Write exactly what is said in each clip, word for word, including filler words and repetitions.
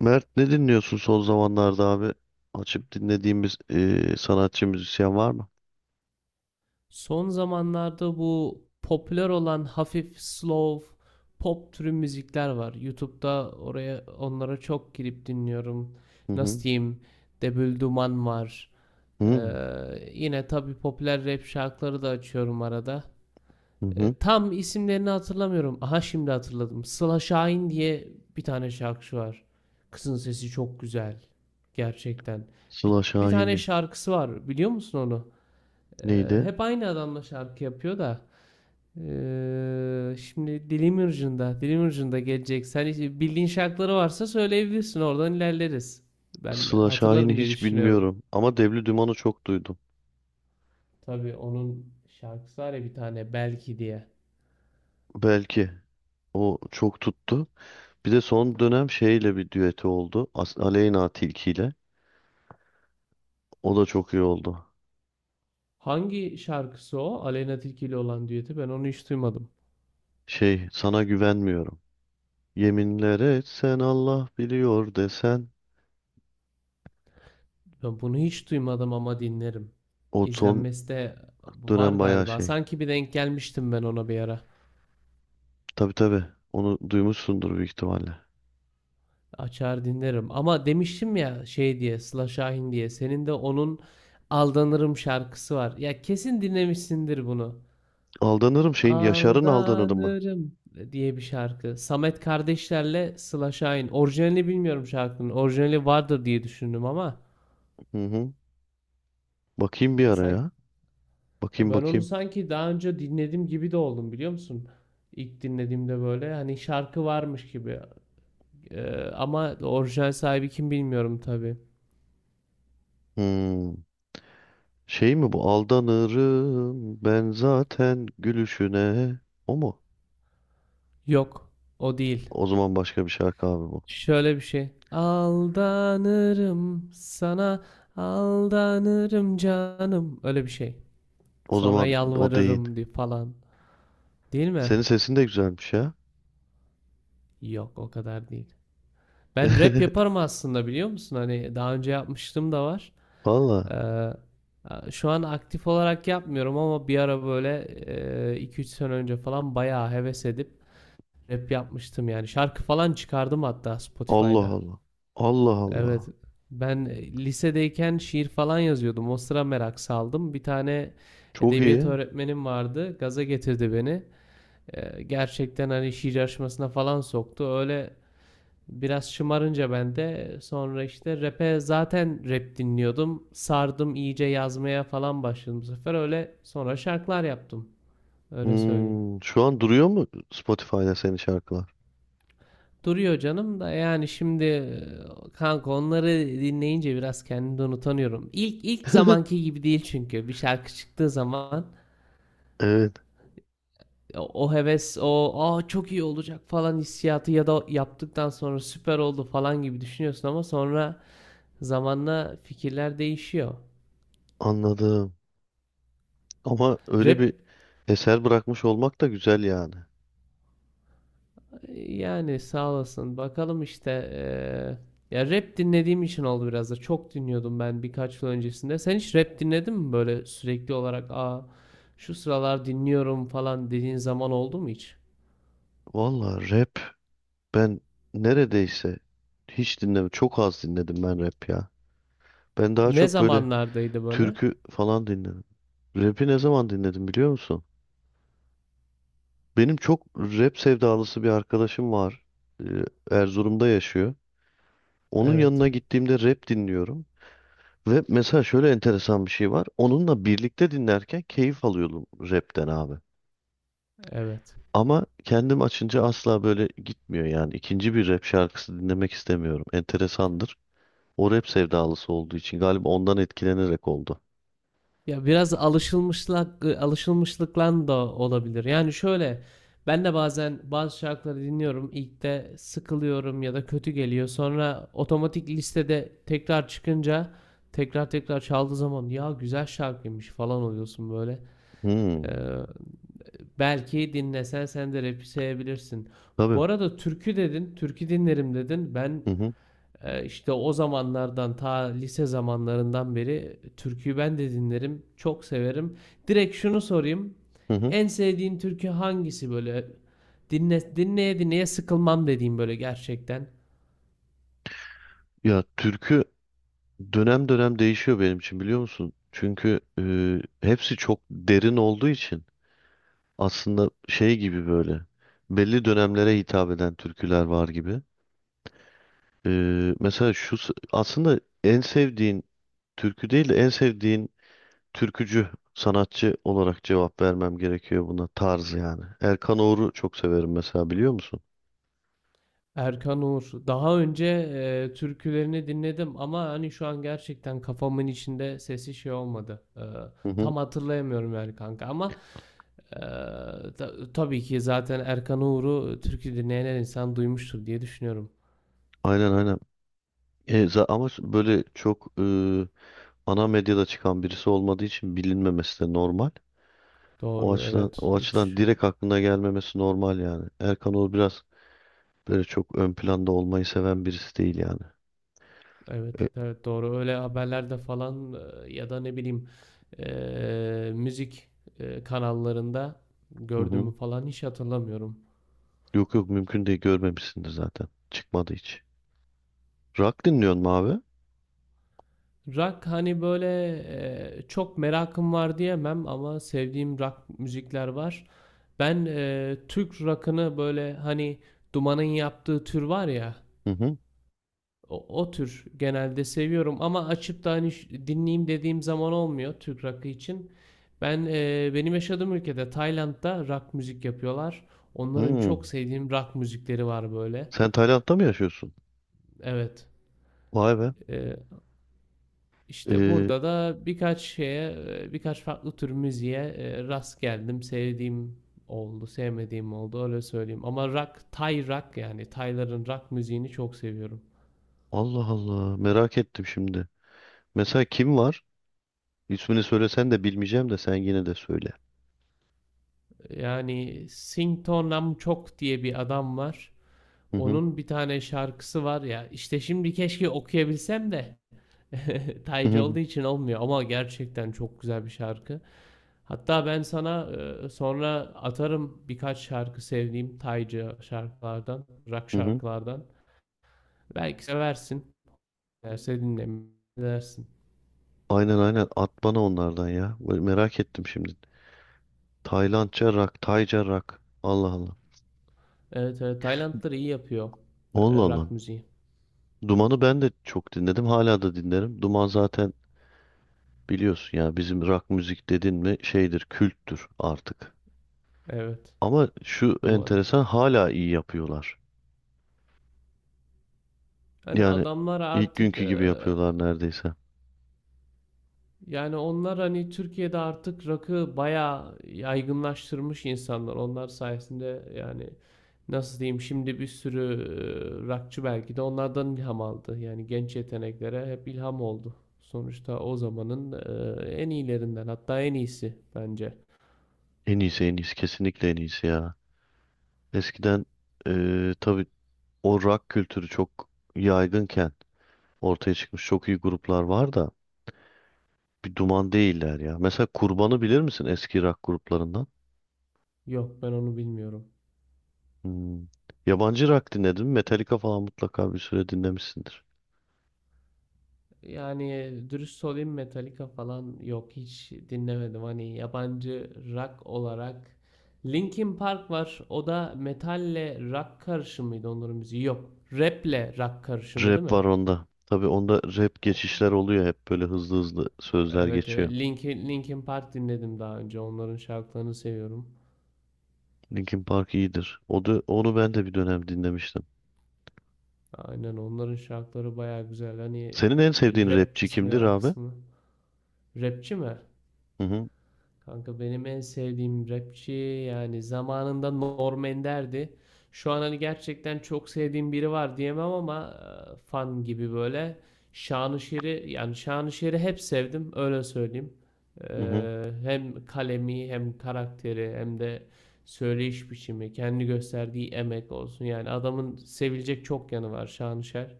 Mert ne dinliyorsun son zamanlarda abi? Açıp dinlediğimiz eee, sanatçı müzisyen var mı? Son zamanlarda bu popüler olan hafif slow pop türü müzikler var. YouTube'da oraya onlara çok girip dinliyorum. Hı Nasıl hı. diyeyim? Debül Duman var. Ee, Hı yine tabii popüler rap şarkıları da açıyorum arada. hı. Ee, hı. tam isimlerini hatırlamıyorum. Aha şimdi hatırladım. Sıla Şahin diye bir tane şarkıcı var. Kızın sesi çok güzel. Gerçekten. Bir, Sıla bir tane Şahin'i. şarkısı var. Biliyor musun onu? Ee, Neydi? hep aynı adamla şarkı yapıyor da. Ee, şimdi dilim ucunda, dilim ucunda gelecek. Sen hiç- bildiğin şarkıları varsa söyleyebilirsin. Oradan ilerleriz. Ben Sıla Şahin'i hatırlarım diye hiç düşünüyorum. bilmiyorum ama Devli Duman'ı çok duydum. Tabii onun şarkısı var ya bir tane belki diye. Belki o çok tuttu. Bir de son dönem şeyle bir düeti oldu. As- Aleyna Tilki ile. O da çok iyi oldu. Hangi şarkısı o? Aleyna Tilki ile olan düeti ben onu hiç duymadım. Şey, sana güvenmiyorum. Yeminler etsen Allah biliyor desen. Ben bunu hiç duymadım ama dinlerim. O son İzlenmesi de var dönem bayağı galiba. şey. Sanki bir denk gelmiştim ben ona bir ara. Tabii, tabii. Onu duymuşsundur büyük ihtimalle. Açar dinlerim. Ama demiştim ya şey diye Sıla Şahin diye. Senin de onun Aldanırım şarkısı var. Ya kesin dinlemişsindir bunu. Aldanırım şeyin, Yaşar'ın Aldanırım mı? Aldanırım diye bir şarkı. Samet kardeşlerle Sıla Şahin. Orijinalini bilmiyorum şarkının. Orijinali vardır diye düşündüm ama Hı hı. Bakayım bir ya ara sanki ya. ya Bakayım, ben onu bakayım. sanki daha önce dinledim gibi de oldum biliyor musun? İlk dinlediğimde böyle hani şarkı varmış gibi. Ee, ama orijinal sahibi kim bilmiyorum tabii. Hmm. Şey mi bu? Aldanırım ben zaten gülüşüne. O mu? Yok, o değil. O zaman başka bir şarkı abi bu. Şöyle bir şey. Aldanırım sana, aldanırım canım. Öyle bir şey. O Sonra zaman o değil. yalvarırım diye falan. Değil mi? Senin sesin de güzelmiş ya. Yok, o kadar değil. Ben rap yaparım aslında biliyor musun? Hani daha önce yapmıştım da var. Valla. Ee, şu an aktif olarak yapmıyorum ama bir ara böyle e, iki üç sene önce falan bayağı heves edip rap yapmıştım yani. Şarkı falan çıkardım hatta Allah Spotify'da. Allah. Allah Allah. Evet. Ben e, lisedeyken şiir falan yazıyordum. O sıra merak saldım. Bir tane Çok edebiyat iyi. öğretmenim vardı. Gaza getirdi beni. E, gerçekten hani şiir yarışmasına falan soktu. Öyle biraz şımarınca ben de sonra işte rap'e zaten rap dinliyordum. Sardım iyice yazmaya falan başladım bu sefer. Öyle sonra şarkılar yaptım. Öyle söyleyeyim. Hmm. Şu an duruyor mu Spotify'da senin şarkılar? Duruyor canım da yani şimdi e, kanka onları dinleyince biraz kendimden utanıyorum. İlk ilk zamanki gibi değil çünkü bir şarkı çıktığı zaman Evet, e, o heves o aa çok iyi olacak falan hissiyatı ya da yaptıktan sonra süper oldu falan gibi düşünüyorsun ama sonra zamanla fikirler değişiyor. anladım. Ama öyle Rap bir eser bırakmış olmak da güzel yani. Yani sağ olasın. Bakalım işte eee, ya rap dinlediğim için oldu biraz da. Çok dinliyordum ben birkaç yıl öncesinde. Sen hiç rap dinledin mi böyle sürekli olarak? Aa, şu sıralar dinliyorum falan dediğin zaman oldu mu hiç? Vallahi rap ben neredeyse hiç dinlemedim. Çok az dinledim ben rap ya. Ben daha Ne çok böyle zamanlardaydı böyle? türkü falan dinledim. Rap'i ne zaman dinledim biliyor musun? Benim çok rap sevdalısı bir arkadaşım var. Ee, Erzurum'da yaşıyor. Onun Evet. yanına gittiğimde rap dinliyorum. Ve mesela şöyle enteresan bir şey var. Onunla birlikte dinlerken keyif alıyordum rapten abi. Evet. Ama kendim açınca asla böyle gitmiyor yani. İkinci bir rap şarkısı dinlemek istemiyorum. Enteresandır. O rap sevdalısı olduğu için galiba ondan etkilenerek oldu. Ya biraz alışılmışlık alışılmışlıklan da olabilir. Yani şöyle ben de bazen bazı şarkıları dinliyorum. İlk de sıkılıyorum ya da kötü geliyor. Sonra otomatik listede tekrar çıkınca tekrar tekrar çaldığı zaman ya güzel şarkıymış falan oluyorsun böyle. Ee, Hmm, belki dinlesen sen de rap'i sevebilirsin. tabii. Bu arada türkü dedin, türkü dinlerim dedin. Ben Hı hı, ee, İşte o zamanlardan ta lise zamanlarından beri türküyü ben de dinlerim. Çok severim. Direkt şunu sorayım. hı hı. En sevdiğin türkü hangisi böyle? Dinle, dinleye dinleye sıkılmam dediğim böyle gerçekten. Ya türkü dönem dönem değişiyor benim için biliyor musun? Çünkü e, hepsi çok derin olduğu için aslında şey gibi böyle belli dönemlere hitap eden türküler var gibi. E, mesela şu s- aslında en sevdiğin türkü değil de en sevdiğin türkücü, sanatçı olarak cevap vermem gerekiyor buna, tarz yani. Erkan Oğur'u çok severim mesela, biliyor musun? Erkan Uğur. Daha önce eee, türkülerini dinledim ama hani şu an gerçekten kafamın içinde sesi şey olmadı. Eee, Hı hı. tam hatırlayamıyorum yani kanka ama eee, ta- tabii ki zaten Erkan Uğur'u türkü dinleyen her insan duymuştur diye düşünüyorum. Aynen, aynen. E, za- ama s- böyle çok e, ana medyada çıkan birisi olmadığı için bilinmemesi de normal. O Doğru, açıdan, evet, o açıdan hiç, direkt aklına gelmemesi normal yani. Erkan Oğur biraz böyle çok ön planda olmayı seven birisi değil yani. evet, E, evet, doğru, öyle haberlerde falan e, ya da ne bileyim e, müzik e, kanallarında hı gördüğümü hı. falan hiç hatırlamıyorum. Yok yok, mümkün değil, görmemişsindir zaten. Çıkmadı hiç. Rock dinliyorsun mu abi? Rock hani böyle e, çok merakım var diyemem ama sevdiğim rock müzikler var. Ben e, Türk rock'ını böyle hani Duman'ın yaptığı tür var ya. Hı hı. O, o tür genelde seviyorum ama açıp da hani ş- dinleyeyim dediğim zaman olmuyor Türk rock'ı için. Ben e, benim yaşadığım ülkede Tayland'da rock müzik yapıyorlar. Onların Hı. çok sevdiğim rock müzikleri var böyle. Sen Tayland'da mı yaşıyorsun? Evet. Vay be. E, işte Ee, burada da birkaç şeye, e, birkaç farklı tür müziğe e, rast geldim. Sevdiğim oldu, sevmediğim oldu öyle söyleyeyim. Ama rock, Tay rock yani Tayların rock müziğini çok seviyorum. Allah Allah, merak ettim şimdi. Mesela kim var? İsmini söylesen de bilmeyeceğim de sen yine de söyle. Yani Sing Tonam Chok diye bir adam var. Hı hı. Onun bir tane şarkısı var ya. İşte şimdi keşke okuyabilsem de Hı taycı hı. olduğu için olmuyor ama gerçekten çok güzel bir şarkı. Hatta ben sana e, sonra atarım birkaç şarkı sevdiğim taycı şarkılardan, rock Hı hı. şarkılardan. Belki seversin. Severse dinlersin. Aynen, aynen, at bana onlardan ya. Böyle merak ettim şimdi. Taylandca rock, Tayca rock. Allah Allah. Evet, evet, Taylandlar iyi yapıyor Allah e, Allah. rock müziği. Duman'ı ben de çok dinledim. Hala da dinlerim. Duman zaten biliyorsun ya, bizim rock müzik dedin mi şeydir, külttür artık. Evet. Ama şu Duman. enteresan, hala iyi yapıyorlar. Hani Yani adamlar ilk artık günkü e, gibi yapıyorlar neredeyse. Yani onlar hani Türkiye'de artık rakı bayağı yaygınlaştırmış insanlar. Onlar sayesinde yani nasıl diyeyim şimdi bir sürü e, rakçı belki de onlardan ilham aldı. Yani genç yeteneklere hep ilham oldu. Sonuçta o zamanın e, en iyilerinden hatta en iyisi bence. En iyisi, en iyisi, kesinlikle en iyisi ya. Eskiden eee tabii o rock kültürü çok yaygınken ortaya çıkmış çok iyi gruplar var da bir Duman değiller ya. Mesela Kurban'ı bilir misin, eski rock gruplarından? Yok, ben onu bilmiyorum. Hmm. Yabancı rock dinledin mi? Metallica falan mutlaka bir süre dinlemişsindir. Yani dürüst olayım, Metallica falan yok, hiç dinlemedim. Hani yabancı rock olarak Linkin Park var. O da metalle rock karışımıydı onların müziği. Yok. Rap'le rock karışımı değil Rap mi? var onda. Tabii onda rap O. geçişler oluyor, hep böyle hızlı hızlı sözler Evet, evet. geçiyor. Linkin, Linkin Park dinledim daha önce. Onların şarkılarını seviyorum. Linkin Park iyidir. O da, onu ben de bir dönem dinlemiştim. Aynen onların şarkıları baya güzel. Hani e, Senin en sevdiğin rap rapçi kısmı, kimdir rock abi? kısmı. Rapçi mi? Hı hı. Kanka benim en sevdiğim rapçi yani zamanında Norm Ender'di. Şu an hani gerçekten çok sevdiğim biri var diyemem ama e, fan gibi böyle. Şanışer'i yani Şanışer'i hep sevdim öyle söyleyeyim. Hı hı. E, hem kalemi hem karakteri hem de söyleyiş biçimi kendi gösterdiği emek olsun. Yani adamın sevilecek çok yanı var, Şanışer.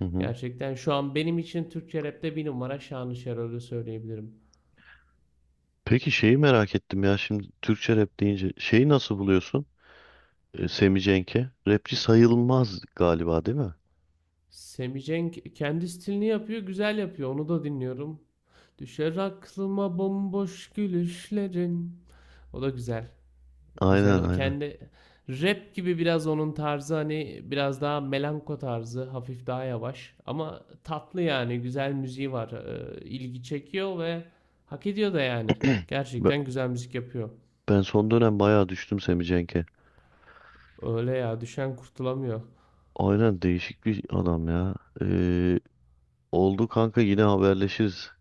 Hı hı. Gerçekten şu an benim için Türkçe rapte bir numara Şanışer, öyle söyleyebilirim. Peki şeyi merak ettim ya, şimdi Türkçe rap deyince şeyi nasıl buluyorsun? E, Semih Cenk'e. Rapçi sayılmaz galiba değil mi? Semi Cenk kendi stilini yapıyor, güzel yapıyor. Onu da dinliyorum. Düşer aklıma bomboş gülüşlerin. O da güzel. Aynen, Güzel. aynen. Kendi rap gibi biraz onun tarzı, hani biraz daha melanko tarzı, hafif daha yavaş ama tatlı yani. Güzel müziği var. Ee, ilgi çekiyor ve hak ediyor da yani. Be- Gerçekten güzel müzik yapıyor. Ben son dönem bayağı düştüm Semih Cenk'e. Öyle ya, düşen kurtulamıyor. Aynen, değişik bir adam ya. Ee, oldu kanka, yine haberleşiriz.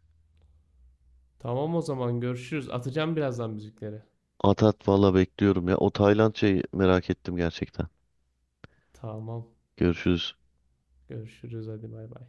Tamam, o zaman görüşürüz. Atacağım birazdan müzikleri. At at valla, bekliyorum ya. O Tayland şeyi merak ettim gerçekten. Tamam. Görüşürüz. Görüşürüz, hadi bay bay.